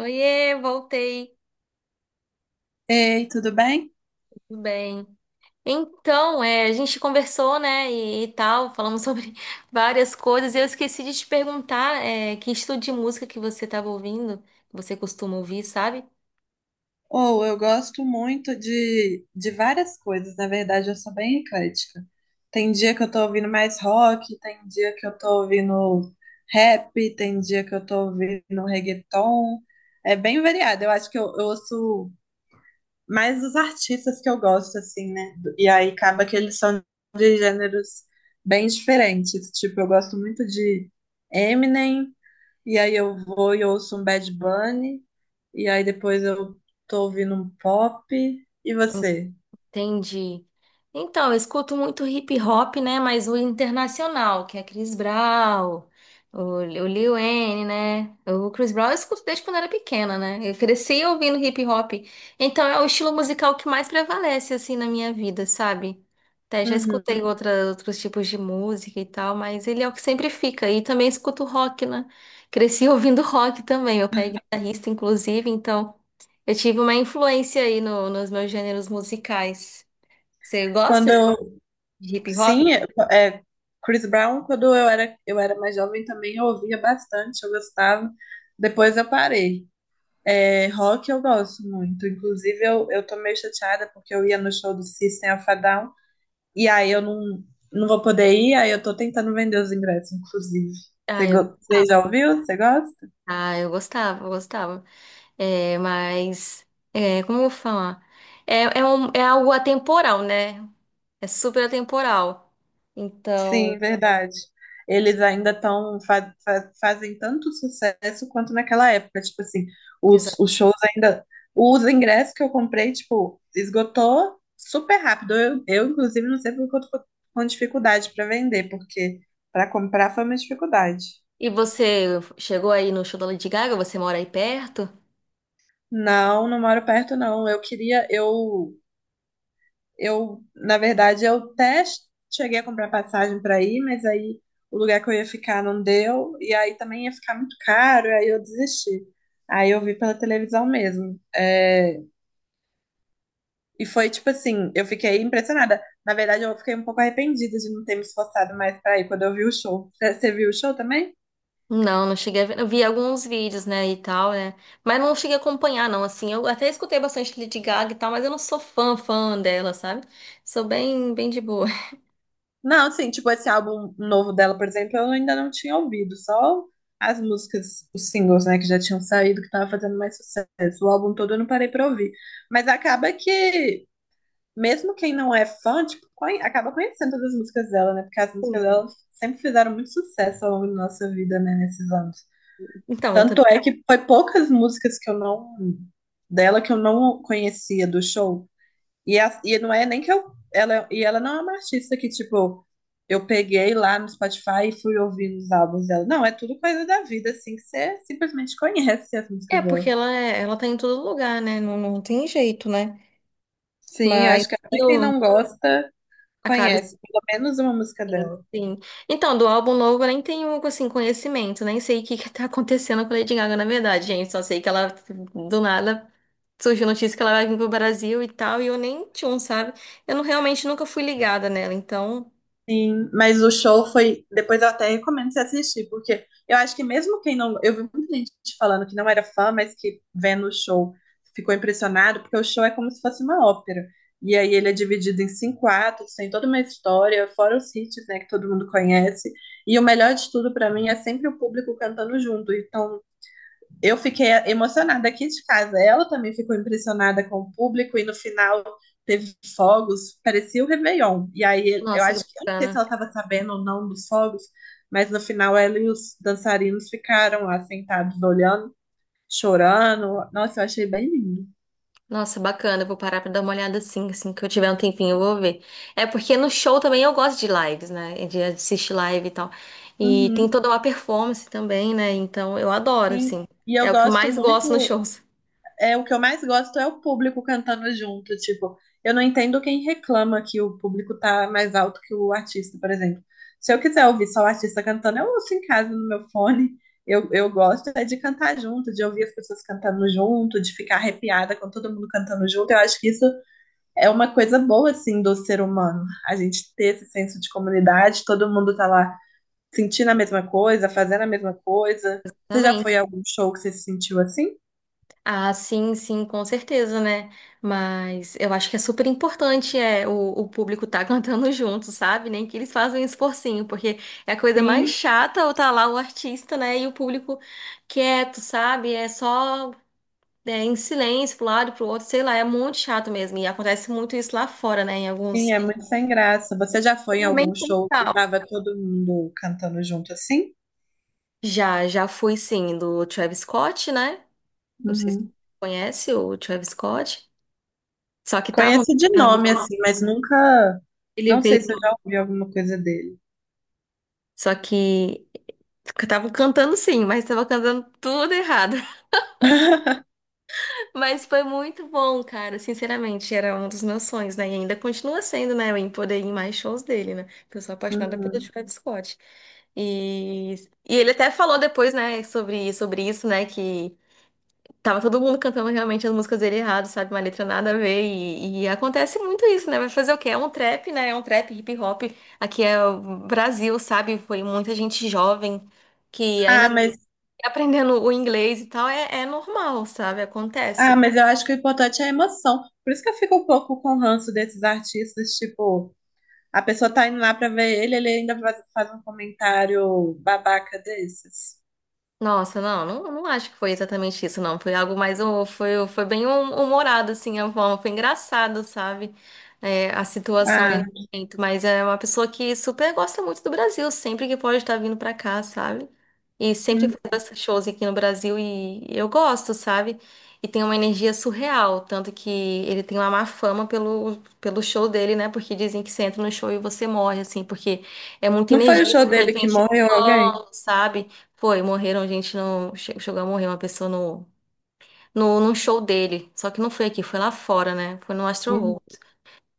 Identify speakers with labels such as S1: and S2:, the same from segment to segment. S1: Oiê, voltei,
S2: Ei, tudo bem?
S1: tudo bem? Então, é, a gente conversou, né, e tal, falamos sobre várias coisas. E eu esqueci de te perguntar, é, que estilo de música que você estava ouvindo, que você costuma ouvir, sabe?
S2: Ou eu gosto muito de várias coisas, na verdade, eu sou bem eclética. Tem dia que eu tô ouvindo mais rock, tem dia que eu tô ouvindo rap, tem dia que eu tô ouvindo reggaeton. É bem variado. Eu acho que eu ouço mais os artistas que eu gosto, assim, né? E aí acaba que eles são de gêneros bem diferentes. Tipo, eu gosto muito de Eminem, e aí eu vou e ouço um Bad Bunny. E aí depois eu tô ouvindo um pop. E você?
S1: Entendi. Então, eu escuto muito hip hop, né? Mas o internacional, que é Chris Brown, o Lil Wayne, né? O Chris Brown eu escuto desde quando era pequena, né? Eu cresci ouvindo hip hop. Então, é o estilo musical que mais prevalece, assim, na minha vida, sabe? Até já escutei
S2: Uhum.
S1: outra, outros tipos de música e tal, mas ele é o que sempre fica. E também escuto rock, né? Cresci ouvindo rock também. Meu pai é guitarrista, inclusive, então eu tive uma influência aí nos meus gêneros musicais. Você
S2: Quando
S1: gosta
S2: eu,
S1: de hip hop?
S2: sim, é, é, Chris Brown, quando eu era mais jovem também eu ouvia bastante, eu gostava. Depois eu parei. É, rock eu gosto muito. Inclusive eu tô meio chateada porque eu ia no show do System of a Down e aí eu não, não vou poder ir, aí eu tô tentando vender os ingressos, inclusive.
S1: Ah, eu,
S2: Você já ouviu? Você gosta?
S1: ah, eu gostava, eu gostava. É, mas, é, como eu vou falar? É algo atemporal, né? É super atemporal.
S2: Sim,
S1: Então,
S2: verdade. Eles ainda estão fazem tanto sucesso quanto naquela época. Tipo assim, os,
S1: exato.
S2: os shows ainda. Os ingressos que eu comprei, tipo, esgotou super rápido. Eu inclusive, não sei porque eu tô com dificuldade para vender, porque para comprar foi uma dificuldade.
S1: E você chegou aí no show da Lady Gaga? Você mora aí perto?
S2: Não, não moro perto, não. Eu queria, eu. Eu, na verdade, eu até cheguei a comprar passagem para ir, mas aí o lugar que eu ia ficar não deu, e aí também ia ficar muito caro, e aí eu desisti. Aí eu vi pela televisão mesmo. É, e foi tipo assim, eu fiquei impressionada. Na verdade, eu fiquei um pouco arrependida de não ter me esforçado mais para ir quando eu vi o show. Você viu o show também?
S1: Não, não cheguei a ver. Eu vi alguns vídeos, né, e tal, né? Mas não cheguei a acompanhar, não, assim. Eu até escutei bastante Lady Gaga e tal, mas eu não sou fã dela, sabe? Sou bem, bem de boa.
S2: Não, assim, tipo, esse álbum novo dela, por exemplo, eu ainda não tinha ouvido, só as músicas, os singles, né, que já tinham saído, que tava fazendo mais sucesso. O álbum todo eu não parei pra ouvir. Mas acaba que, mesmo quem não é fã, tipo, acaba conhecendo todas as músicas dela, né, porque as músicas dela
S1: Sim.
S2: sempre fizeram muito sucesso ao longo da nossa vida, né, nesses anos.
S1: Então, eu
S2: Tanto
S1: também.
S2: é que foi poucas músicas que eu não, dela que eu não conhecia do show. E não é nem que eu. E ela não é uma artista que, tipo, eu peguei lá no Spotify e fui ouvindo os álbuns dela. Não, é tudo coisa da vida, assim, que você simplesmente conhece as músicas
S1: É, porque
S2: dela.
S1: ela tá em todo lugar, né? Não, não tem jeito, né?
S2: Sim, eu
S1: Mas
S2: acho que até quem
S1: eu
S2: não gosta
S1: acaba
S2: conhece, pelo menos uma música dela.
S1: assim. Então, do álbum novo eu nem tenho, assim, conhecimento, nem sei o que que tá acontecendo com a Lady Gaga, na verdade, gente. Só sei que ela, do nada, surgiu notícia que ela vai vir pro Brasil e tal, e eu nem tinha um, sabe? Eu não, realmente nunca fui ligada nela, então,
S2: Sim, mas o show foi. Depois eu até recomendo você assistir, porque eu acho que mesmo quem não. Eu vi muita gente falando que não era fã, mas que vendo o show ficou impressionado, porque o show é como se fosse uma ópera. E aí ele é dividido em cinco atos, tem toda uma história, fora os hits, né, que todo mundo conhece. E o melhor de tudo pra mim é sempre o público cantando junto. Então eu fiquei emocionada aqui de casa. Ela também ficou impressionada com o público e no final teve fogos, parecia o Réveillon. E aí eu
S1: nossa, que
S2: acho que, eu não sei se
S1: bacana.
S2: ela estava sabendo ou não dos fogos, mas no final ela e os dançarinos ficaram lá sentados olhando, chorando. Nossa, eu achei bem lindo.
S1: Nossa, bacana. Eu vou parar pra dar uma olhada assim, assim que eu tiver um tempinho, eu vou ver. É porque no show também eu gosto de lives, né? De assistir live e tal. E tem
S2: Uhum.
S1: toda uma performance também, né? Então eu adoro,
S2: Sim.
S1: assim.
S2: E eu
S1: É o que eu
S2: gosto
S1: mais gosto nos
S2: muito
S1: shows.
S2: é o que eu mais gosto é o público cantando junto, tipo, eu não entendo quem reclama que o público tá mais alto que o artista, por exemplo. Se eu quiser ouvir só o artista cantando, eu ouço em casa no meu fone. Eu gosto é de cantar junto, de ouvir as pessoas cantando junto, de ficar arrepiada com todo mundo cantando junto. Eu acho que isso é uma coisa boa, assim, do ser humano. A gente ter esse senso de comunidade, todo mundo tá lá sentindo a mesma coisa, fazendo a mesma coisa. Você já
S1: Exatamente.
S2: foi a algum show que você se sentiu assim?
S1: Ah, sim, sim, com certeza, né? Mas eu acho que é super importante é, o público tá cantando junto, sabe? Nem que eles fazem um esforcinho, porque é a coisa mais
S2: Sim.
S1: chata ou tá lá o artista, né? E o público quieto, sabe? É só. É, em silêncio, pro lado, pro outro, sei lá, é muito chato mesmo. E acontece muito isso lá fora, né? Em
S2: Sim,
S1: alguns.
S2: é muito sem graça. Você já foi em algum
S1: Realmente sem
S2: show que
S1: sal.
S2: tava todo mundo cantando junto assim?
S1: Já, já fui sim, do Travis Scott, né? Não sei se você
S2: Uhum.
S1: conhece o Travis Scott. Só que estavam
S2: Conheço de
S1: cantando.
S2: nome assim, mas nunca.
S1: Ele
S2: Não sei se eu
S1: veio.
S2: já ouvi alguma coisa dele.
S1: Só que estavam cantando sim, mas estavam cantando tudo errado. Mas foi muito bom, cara. Sinceramente, era um dos meus sonhos, né? E ainda continua sendo, né? Eu em poder ir em mais shows dele, né? Porque eu sou apaixonada pelo
S2: Uhum.
S1: Travis Scott. E, e ele até falou depois, né, sobre isso, né? Que tava todo mundo cantando realmente as músicas dele errado, sabe? Uma letra nada a ver. E acontece muito isso, né? Vai fazer o quê? É um trap, né? É um trap hip hop. Aqui é o Brasil, sabe? Foi muita gente jovem que
S2: Ah,
S1: ainda
S2: mas,
S1: tá aprendendo o inglês e tal. É, é normal, sabe?
S2: ah,
S1: Acontece.
S2: mas eu acho que o importante é a emoção. Por isso que eu fico um pouco com ranço desses artistas, tipo, a pessoa tá indo lá pra ver ele, ele ainda faz, faz um comentário babaca desses.
S1: Nossa, não, não, não acho que foi exatamente isso, não. Foi algo mais, foi bem humorado, assim, a forma. Foi engraçado, sabe? É, a situação ali no
S2: Ah,
S1: momento. Mas é uma pessoa que super gosta muito do Brasil, sempre que pode estar vindo pra cá, sabe? E sempre
S2: hum.
S1: faz esses shows aqui no Brasil e eu gosto, sabe? E tem uma energia surreal, tanto que ele tem uma má fama pelo show dele, né? Porque dizem que você entra no show e você morre, assim, porque é muita
S2: Não foi o
S1: energia,
S2: show
S1: muita
S2: dele que
S1: gente
S2: morreu alguém?
S1: pulando, sabe? Foi, morreram, a gente não. Chegou a morrer uma pessoa no, no, num show dele. Só que não foi aqui, foi lá fora, né? Foi no Astro
S2: Hum.
S1: World.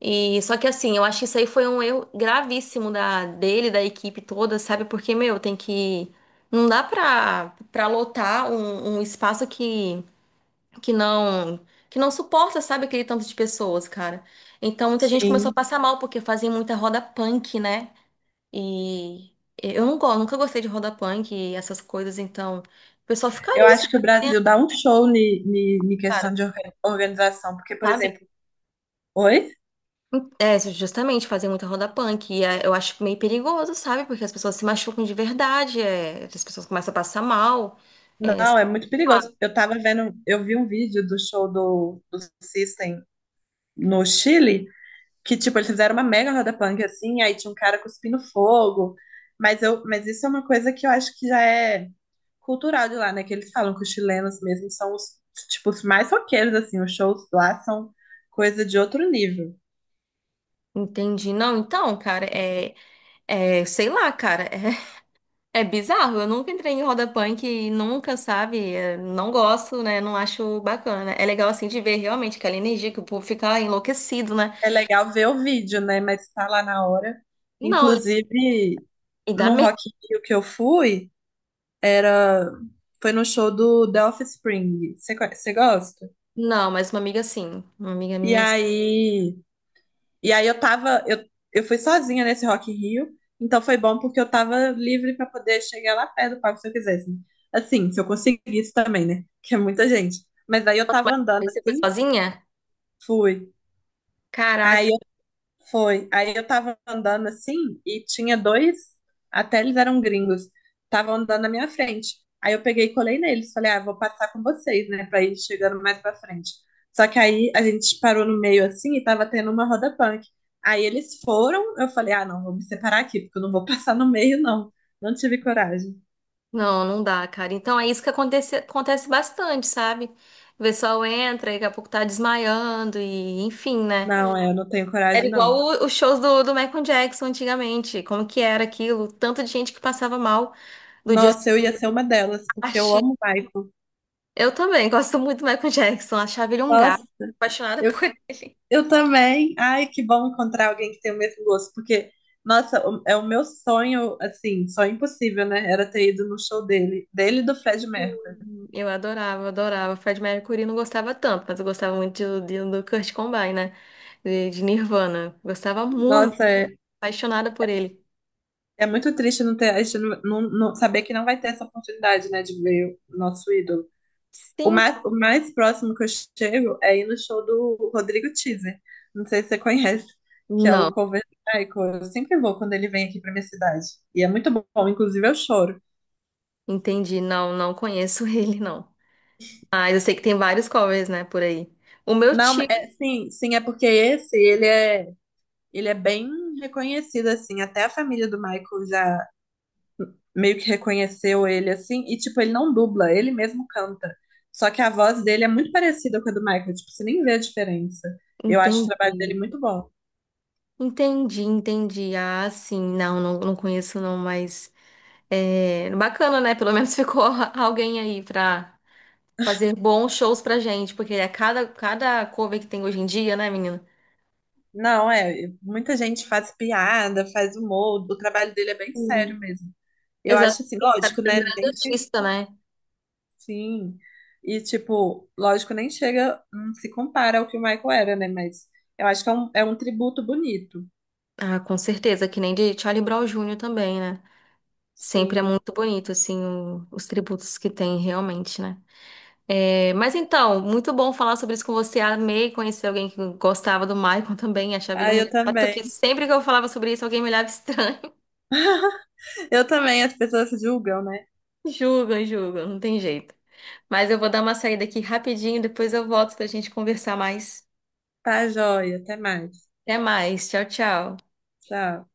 S1: E só que assim, eu acho que isso aí foi um erro gravíssimo da equipe toda, sabe? Porque, meu, tem que. Não dá pra lotar um espaço que não. Que não suporta, sabe, aquele tanto de pessoas, cara. Então muita gente começou a
S2: Sim.
S1: passar mal, porque fazem muita roda punk, né? E eu não gosto, nunca gostei de roda punk e essas coisas, então o pessoal fica
S2: Eu
S1: ali, se-
S2: acho que o Brasil dá um show ni
S1: cara,
S2: questão de organização, porque, por
S1: sabe?
S2: exemplo, oi?
S1: É, justamente fazer muita roda punk. E é, eu acho meio perigoso, sabe? Porque as pessoas se machucam de verdade, é, as pessoas começam a passar mal.
S2: Não, é muito
S1: Ah,
S2: perigoso. Eu tava vendo, eu vi um vídeo do show do System no Chile, que, tipo, eles fizeram uma mega roda punk, assim, aí tinha um cara cuspindo fogo, mas isso é uma coisa que eu acho que já é cultural de lá, né, que eles falam que os chilenos mesmo são os, tipo, os mais roqueiros, assim, os shows lá são coisa de outro nível.
S1: entendi. Não, então, cara, é, é, sei lá, cara, é, é bizarro. Eu nunca entrei em roda punk e nunca, sabe? É, não gosto, né? Não acho bacana. É legal, assim, de ver realmente aquela energia que o povo fica enlouquecido, né?
S2: É legal ver o vídeo, né? Mas tá lá na hora.
S1: Não, e
S2: Inclusive,
S1: e dá
S2: no
S1: medo.
S2: Rock in Rio que eu fui, era foi no show do The Offspring. Você gosta?
S1: Não, mas uma amiga sim. Uma amiga
S2: E
S1: minha. Nossa.
S2: aí, e aí eu fui sozinha nesse Rock in Rio, então foi bom porque eu tava livre pra poder chegar lá perto do palco se eu quisesse. Assim, se eu conseguisse também, né? Que é muita gente. Mas aí eu
S1: Mas
S2: tava andando
S1: aí você foi
S2: assim,
S1: sozinha?
S2: fui.
S1: Caraca.
S2: Aí foi. Aí eu tava andando assim e tinha dois, até eles eram gringos, estavam andando na minha frente. Aí eu peguei e colei neles, falei, ah, vou passar com vocês, né, pra ir chegando mais pra frente. Só que aí a gente parou no meio assim e tava tendo uma roda punk. Aí eles foram, eu falei, ah, não, vou me separar aqui, porque eu não vou passar no meio, não. Não tive coragem.
S1: Não, não dá, cara. Então é isso que acontece, acontece bastante, sabe? O pessoal entra e daqui a pouco tá desmaiando e enfim, né?
S2: Não, é, eu não tenho
S1: Era
S2: coragem,
S1: igual
S2: não.
S1: os shows do Michael Jackson antigamente. Como que era aquilo? Tanto de gente que passava mal do Just
S2: Nossa, eu ia ser uma delas, porque eu
S1: Party.
S2: amo o Michael.
S1: Eu também gosto muito do Michael Jackson. Achava ele um gato.
S2: Nossa,
S1: Apaixonada por ele.
S2: eu também. Ai, que bom encontrar alguém que tem o mesmo gosto, porque, nossa, é o meu sonho, assim, sonho impossível, né? Era ter ido no show dele, dele e do Fred Mercury.
S1: Sim, eu adorava, adorava. Fred Mercury não gostava tanto, mas eu gostava muito do Kurt Cobain, né? De Nirvana. Gostava muito,
S2: Nossa, é,
S1: apaixonada por ele.
S2: é muito triste não ter, a gente não saber que não vai ter essa oportunidade, né, de ver o nosso ídolo. O
S1: Sim,
S2: mais, o mais próximo que eu chego é ir no show do Rodrigo Teaser. Não sei se você conhece, que é o
S1: não,
S2: cover do Michael. Eu sempre vou quando ele vem aqui pra minha cidade. E é muito bom, inclusive eu choro.
S1: entendi. Não, não conheço ele, não. Mas eu sei que tem vários covers, né, por aí. O meu
S2: Não,
S1: tio,
S2: é, sim, sim, é porque ele é bem reconhecido, assim, até a família do Michael já meio que reconheceu ele, assim, e, tipo, ele não dubla, ele mesmo canta, só que a voz dele é muito parecida com a do Michael, tipo, você nem vê a diferença, eu acho o
S1: entendi,
S2: trabalho dele muito bom.
S1: entendi, entendi. Ah, sim, não, não, não conheço, não, mas é bacana, né? Pelo menos ficou alguém aí pra. Fazer bons shows pra gente, porque é cada cover que tem hoje em dia, né, menina?
S2: Não, é, muita gente faz piada, faz humor, o trabalho dele é bem sério
S1: Sim.
S2: mesmo. Eu acho, assim,
S1: Exatamente, cara,
S2: lógico,
S1: foi um
S2: né,
S1: grande
S2: nem
S1: artista, né?
S2: sim. E, tipo, lógico, nem chega, não se compara ao que o Michael era, né? Mas eu acho que é um, tributo bonito.
S1: Ah, com certeza, que nem de Charlie Brown Jr. também, né? Sempre é
S2: Sim.
S1: muito bonito, assim, os tributos que tem, realmente, né? É, mas então, muito bom falar sobre isso com você. Amei conhecer alguém que gostava do Michael também, achava ele
S2: Ah,
S1: um
S2: eu
S1: gato que
S2: também.
S1: sempre que eu falava sobre isso, alguém me olhava estranho.
S2: Eu também, as pessoas julgam, né?
S1: Julga, julga, não tem jeito. Mas eu vou dar uma saída aqui rapidinho, depois eu volto pra gente conversar mais.
S2: Tá, joia. Até mais.
S1: Até mais. Tchau, tchau.
S2: Tchau.